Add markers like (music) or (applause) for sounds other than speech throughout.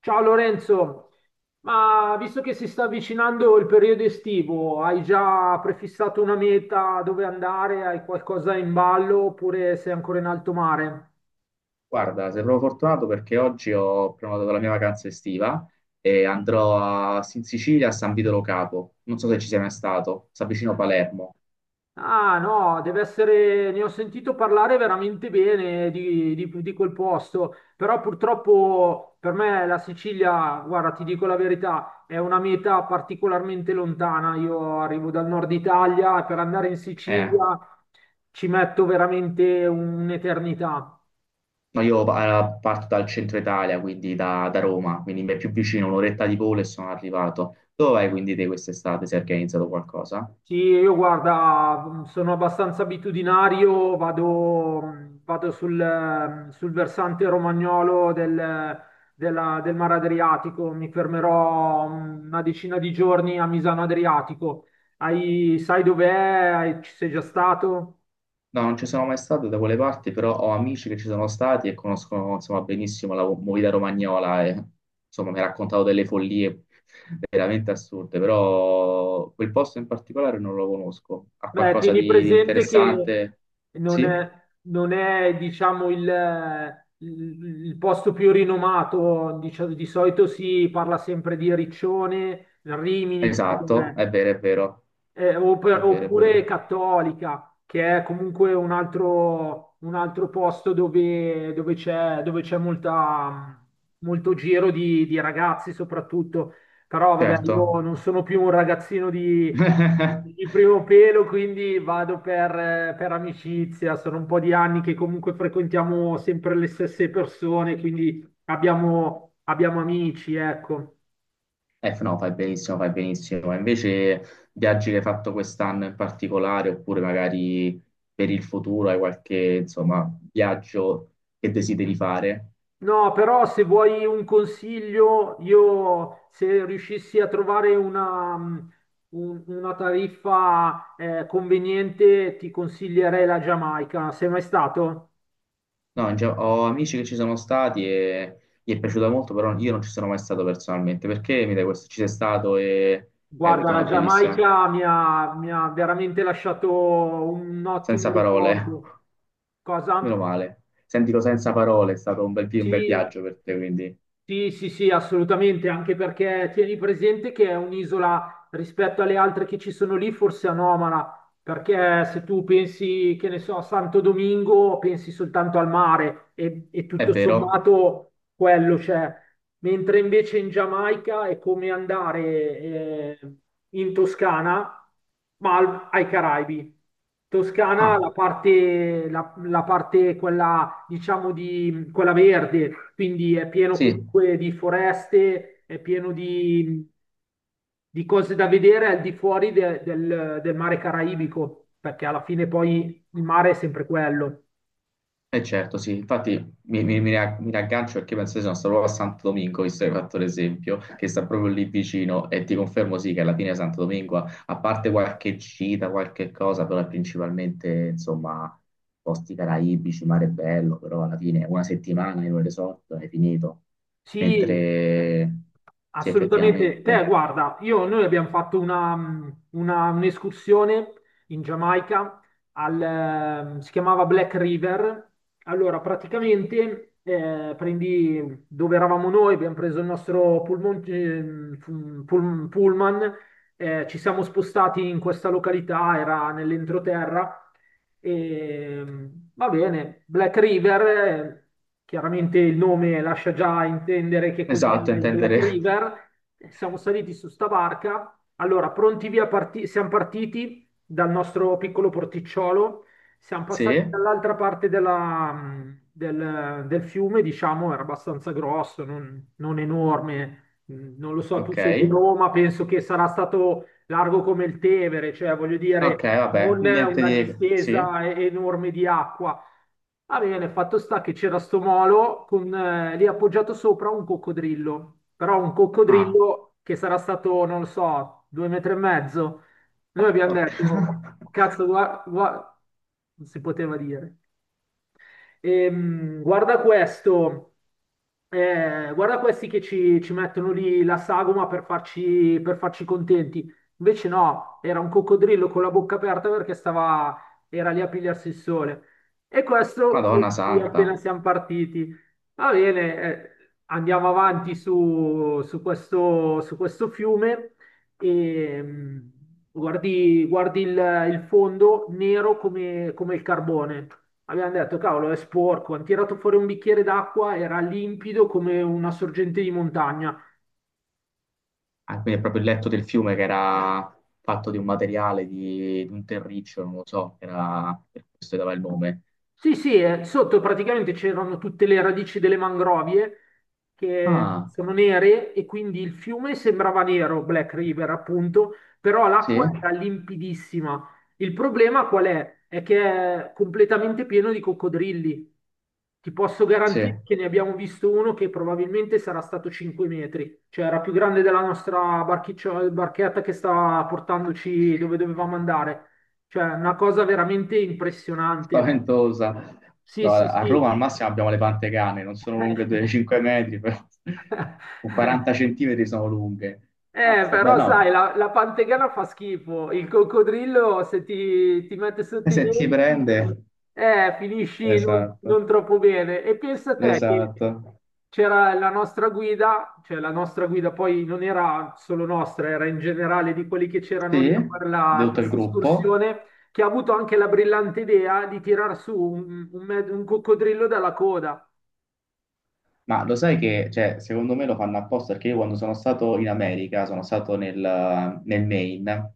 Ciao Lorenzo, ma visto che si sta avvicinando il periodo estivo, hai già prefissato una meta dove andare? Hai qualcosa in ballo oppure sei ancora in alto mare? Guarda, sembro fortunato perché oggi ho prenotato la mia vacanza estiva e andrò in Sicilia a San Vito Lo Capo. Non so se ci sei mai stato, si avvicino a Palermo. Ah no, deve essere, ne ho sentito parlare veramente bene di quel posto, però purtroppo per me la Sicilia, guarda, ti dico la verità, è una meta particolarmente lontana. Io arrivo dal nord Italia e per andare in Eh, Sicilia ci metto veramente un'eternità. no, io parto dal centro Italia, quindi da Roma, quindi mi è più vicino, un'oretta di volo e sono arrivato. Dove vai quindi te quest'estate se hai organizzato qualcosa? Sì, io guarda, sono abbastanza abitudinario, vado sul versante romagnolo del Mar Adriatico, mi fermerò una decina di giorni a Misano Adriatico. Sai dov'è? Ci sei già stato? No, non ci sono mai stato da quelle parti, però ho amici che ci sono stati e conoscono, insomma, benissimo la movida romagnola e, insomma, mi ha raccontato delle follie veramente assurde, però quel posto in particolare non lo conosco. Ha Beh, qualcosa tieni di presente che interessante? non Sì? è, non è, diciamo, il posto più rinomato, di solito si parla sempre di Riccione, Rimini, che Esatto, vabbè, è vero, è vero, eh, opp- è vero, è oppure vero. Cattolica, che è comunque un altro posto dove, dove c'è molto giro di ragazzi soprattutto. Però vabbè, Certo. io non sono più un ragazzino di (laughs) primo pelo, quindi vado per amicizia. Sono un po' di anni che comunque frequentiamo sempre le stesse persone, quindi abbiamo amici, ecco. No, fai benissimo, fai benissimo. Ma invece, viaggi che hai fatto quest'anno in particolare, oppure magari per il futuro hai qualche, insomma, viaggio che desideri fare? No, però se vuoi un consiglio, io se riuscissi a trovare una tariffa conveniente, ti consiglierei la Giamaica. Sei mai stato? No, ho amici che ci sono stati e gli è piaciuta molto, però io non ci sono mai stato personalmente. Perché mi dai questo? Ci sei stato e hai Guarda, avuto la una bellissima... Giamaica mi ha veramente lasciato un ottimo Senza parole, ricordo. (laughs) meno Cosa? male. Sentilo senza parole, è stato un bel Sì, viaggio per te, quindi... sì, sì, sì, assolutamente, anche perché tieni presente che è un'isola rispetto alle altre che ci sono lì, forse anomala, perché se tu pensi, che ne so, a Santo Domingo, pensi soltanto al mare e È tutto vero? sommato quello c'è, mentre invece in Giamaica è come andare in Toscana, ma ai Caraibi. Toscana, la Ah, parte, la parte quella, diciamo, di quella verde, quindi è pieno sì. comunque di foreste, è pieno di cose da vedere al di fuori del mare caraibico, perché alla fine poi il mare è sempre quello. Eh certo, sì, infatti mi raggancio perché penso che sono stato proprio a Santo Domingo, visto che hai fatto l'esempio, che sta proprio lì vicino e ti confermo sì che alla fine Santo Domingo, a parte qualche gita, qualche cosa, però è principalmente insomma posti caraibici, mare bello, però alla fine una settimana in un resort è finito, Sì, mentre sì assolutamente. Te, effettivamente, guarda, noi abbiamo fatto un'escursione in Giamaica, si chiamava Black River. Allora, praticamente, prendi, dove eravamo noi, abbiamo preso il nostro pullman, pullman, ci siamo spostati in questa località, era nell'entroterra. E, va bene, Black River, chiaramente il nome lascia già intendere che cos'è esatto, il Black intendere River. Siamo saliti su sta barca. Allora, pronti via, siamo partiti dal nostro piccolo porticciolo, siamo (laughs) sì, passati dall'altra parte del fiume, diciamo, era abbastanza grosso, non enorme. Non lo so, tu ok, sei di Roma, penso che sarà stato largo come il Tevere, cioè voglio ok, dire, vabbè, non niente una di sì, distesa enorme di acqua. Va bene, fatto sta che c'era sto molo con lì appoggiato sopra un coccodrillo, però un ah, coccodrillo che sarà stato, non lo so, 2 metri e mezzo. Noi abbiamo porca. detto, (laughs) cazzo, guarda, non si poteva dire. Guarda questo, guarda questi che ci mettono lì la sagoma per farci contenti. Invece no, era un coccodrillo con la bocca aperta perché era lì a pigliarsi il sole. E questo, Madonna sì, appena santa. siamo partiti. Va bene, andiamo avanti su questo fiume e guardi il fondo nero come il carbone. Abbiamo detto, cavolo, è sporco. Hanno tirato fuori un bicchiere d'acqua, era limpido come una sorgente di montagna. Ah, quindi è proprio il letto del fiume che era fatto di un materiale, di un terriccio, non lo so, era, per questo dava il nome. Sì, sì, sotto praticamente c'erano tutte le radici delle mangrovie che Ah, sono nere e quindi il fiume sembrava nero, Black River appunto, però sì, l'acqua era limpidissima. Il problema qual è? È che è completamente pieno di coccodrilli. Ti posso sì. garantire che ne abbiamo visto uno che probabilmente sarà stato 5 metri, cioè era più grande della nostra barchetta che stava portandoci dove dovevamo andare. Cioè, una cosa veramente impressionante. Spaventosa. Sì, No, sì, a Roma sì. al massimo abbiamo le pantegane, non sono lunghe 2-5 metri, però (laughs) con 40 (laughs) centimetri sono lunghe. Eh, Mazza, beh, però no, sai, la pantegana fa schifo, il coccodrillo se ti mette e sotto i se ti prende... denti, finisci non, Esatto, non troppo bene. E pensa te che esatto. c'era la nostra guida, cioè la nostra guida poi non era solo nostra, era in generale di quelli che c'erano lì Sì, a fare di la- tutto il questa gruppo. escursione, che ha avuto anche la brillante idea di tirar su un coccodrillo dalla coda. Ma lo sai che, cioè, secondo me lo fanno apposta perché io quando sono stato in America, sono stato nel Maine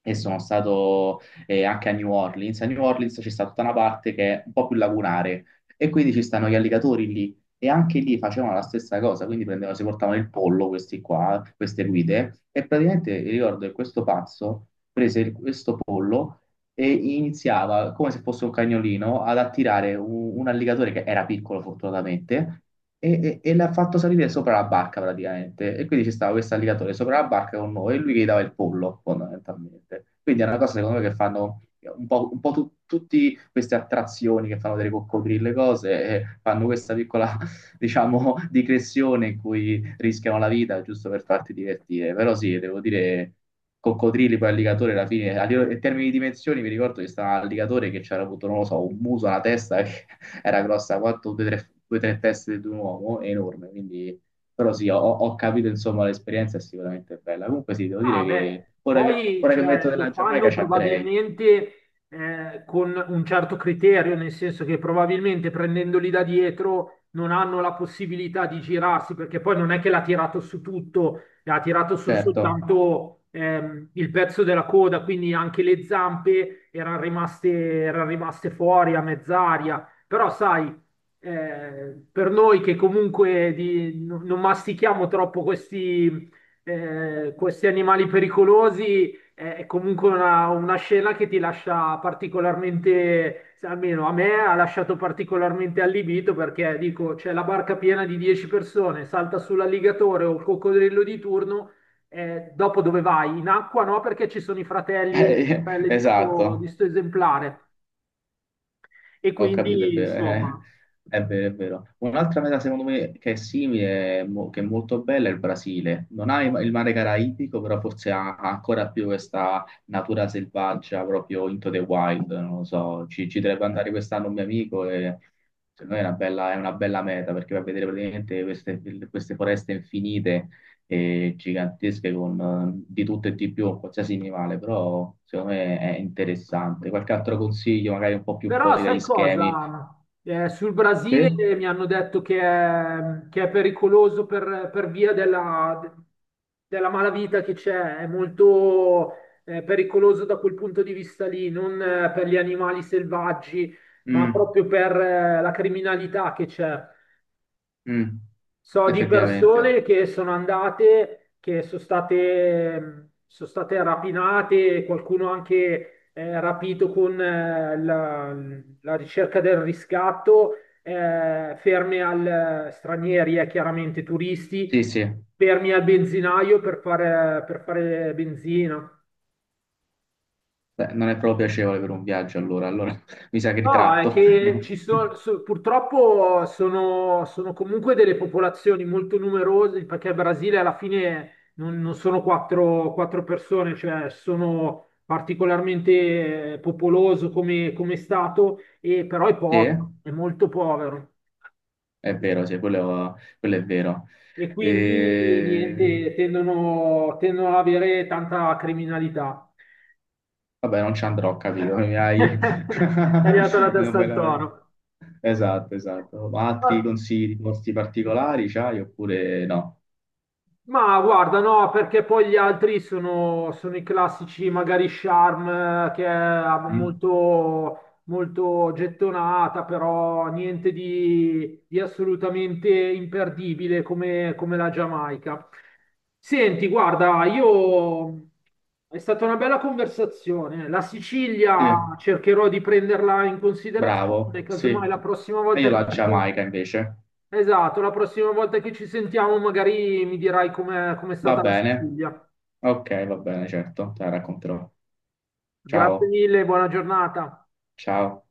e sono stato anche a New Orleans. A New Orleans c'è stata tutta una parte che è un po' più lagunare e quindi ci stanno gli alligatori lì e anche lì facevano la stessa cosa, quindi prendevano, si portavano il pollo questi qua, queste guide e praticamente ricordo che questo pazzo prese questo pollo e iniziava, come se fosse un cagnolino, ad attirare un alligatore che era piccolo fortunatamente e, e l'ha fatto salire sopra la barca praticamente. E quindi ci stava questo alligatore sopra la barca con noi e lui che gli dava il pollo fondamentalmente. Quindi è una cosa secondo me che fanno un po', tutti queste attrazioni che fanno delle coccodrille, cose, e fanno questa piccola diciamo, di clessione in cui rischiano la vita giusto per farti divertire. Però sì, devo dire, coccodrilli poi alligatore alla fine, a livello- in termini di dimensioni, mi ricordo che stava l'alligatore che c'era avuto, non lo so, un muso, una testa che (laughs) era grossa quanto due o tre, tre teste di un uomo, enorme, quindi... Però sì, ho capito, insomma, l'esperienza è sicuramente bella. Comunque sì, devo dire Ah, che beh, poi ora che mi cioè, metto lo nella Giamaica fanno ci andrei, probabilmente con un certo criterio, nel senso che probabilmente prendendoli da dietro non hanno la possibilità di girarsi, perché poi non è che l'ha tirato su tutto, ha tirato su certo. soltanto il pezzo della coda, quindi anche le zampe erano rimaste fuori a mezz'aria. Però sai, per noi che comunque non mastichiamo troppo questi, questi animali pericolosi, è comunque una scena che ti lascia particolarmente, se almeno a me ha lasciato particolarmente allibito perché dico, c'è la barca piena di 10 persone, salta sull'alligatore o il coccodrillo di turno, dopo dove vai? In acqua no, perché ci sono i fratelli e le (laughs) sorelle di sto, di Esatto. sto esemplare. E Ho capito, è quindi, vero, eh. insomma. È vero, è vero. Un'altra meta secondo me che è simile, che è molto bella, è il Brasile. Non ha il mare caraibico, però forse ha ancora più questa natura selvaggia, proprio into the wild, non lo so. Ci dovrebbe andare quest'anno un mio amico e secondo me è è una bella meta perché va a vedere praticamente queste foreste infinite e gigantesche con di tutto e di più, qualsiasi animale, però secondo me è interessante. Qualche altro consiglio, magari un po' più Però fuori sai dagli schemi? cosa? Sul Brasile Sì? mi hanno detto che è pericoloso per via della malavita che c'è, è molto, pericoloso da quel punto di vista lì, non, per gli animali selvaggi, ma Mm, proprio per, la criminalità che c'è. mm, So di effettivamente. persone che sono andate, che sono state, rapinate, qualcuno anche, rapito con, la ricerca del riscatto, ferme al, stranieri, chiaramente turisti, Sì, sì. fermi al benzinaio per fare benzina. Beh, non è proprio piacevole per un viaggio, allora, allora (laughs) mi sa che No, è ritratto. (laughs) che No. ci sono, purtroppo sono comunque delle popolazioni molto numerose, perché il Brasile alla fine non sono quattro, quattro persone, cioè sono particolarmente, popoloso come stato, e però è Sì, povero, è molto povero. è vero, sì, quello è vero. E quindi E... niente, tendono ad avere tanta criminalità. Vabbè, non ci andrò, capito? Mi (laughs) hai... È arrivato la (laughs) non testa me al la- toro. Esatto, esatto. Ma altri consigli di posti particolari c'hai oppure no? Ma guarda, no, perché poi gli altri sono i classici, magari Charm, che è Mm? molto, molto gettonata, però niente di assolutamente imperdibile come la Giamaica. Senti, guarda, io è stata una bella conversazione. La Sì, Sicilia cercherò di prenderla in considerazione, bravo, sì. casomai la prossima E volta io che la ci sentiamo. Giamaica invece. Esatto, la prossima volta che ci sentiamo magari mi dirai com'è Va stata la bene. Sicilia. Ok, va bene, certo, te la racconterò. Grazie Ciao, mille, buona giornata. ciao.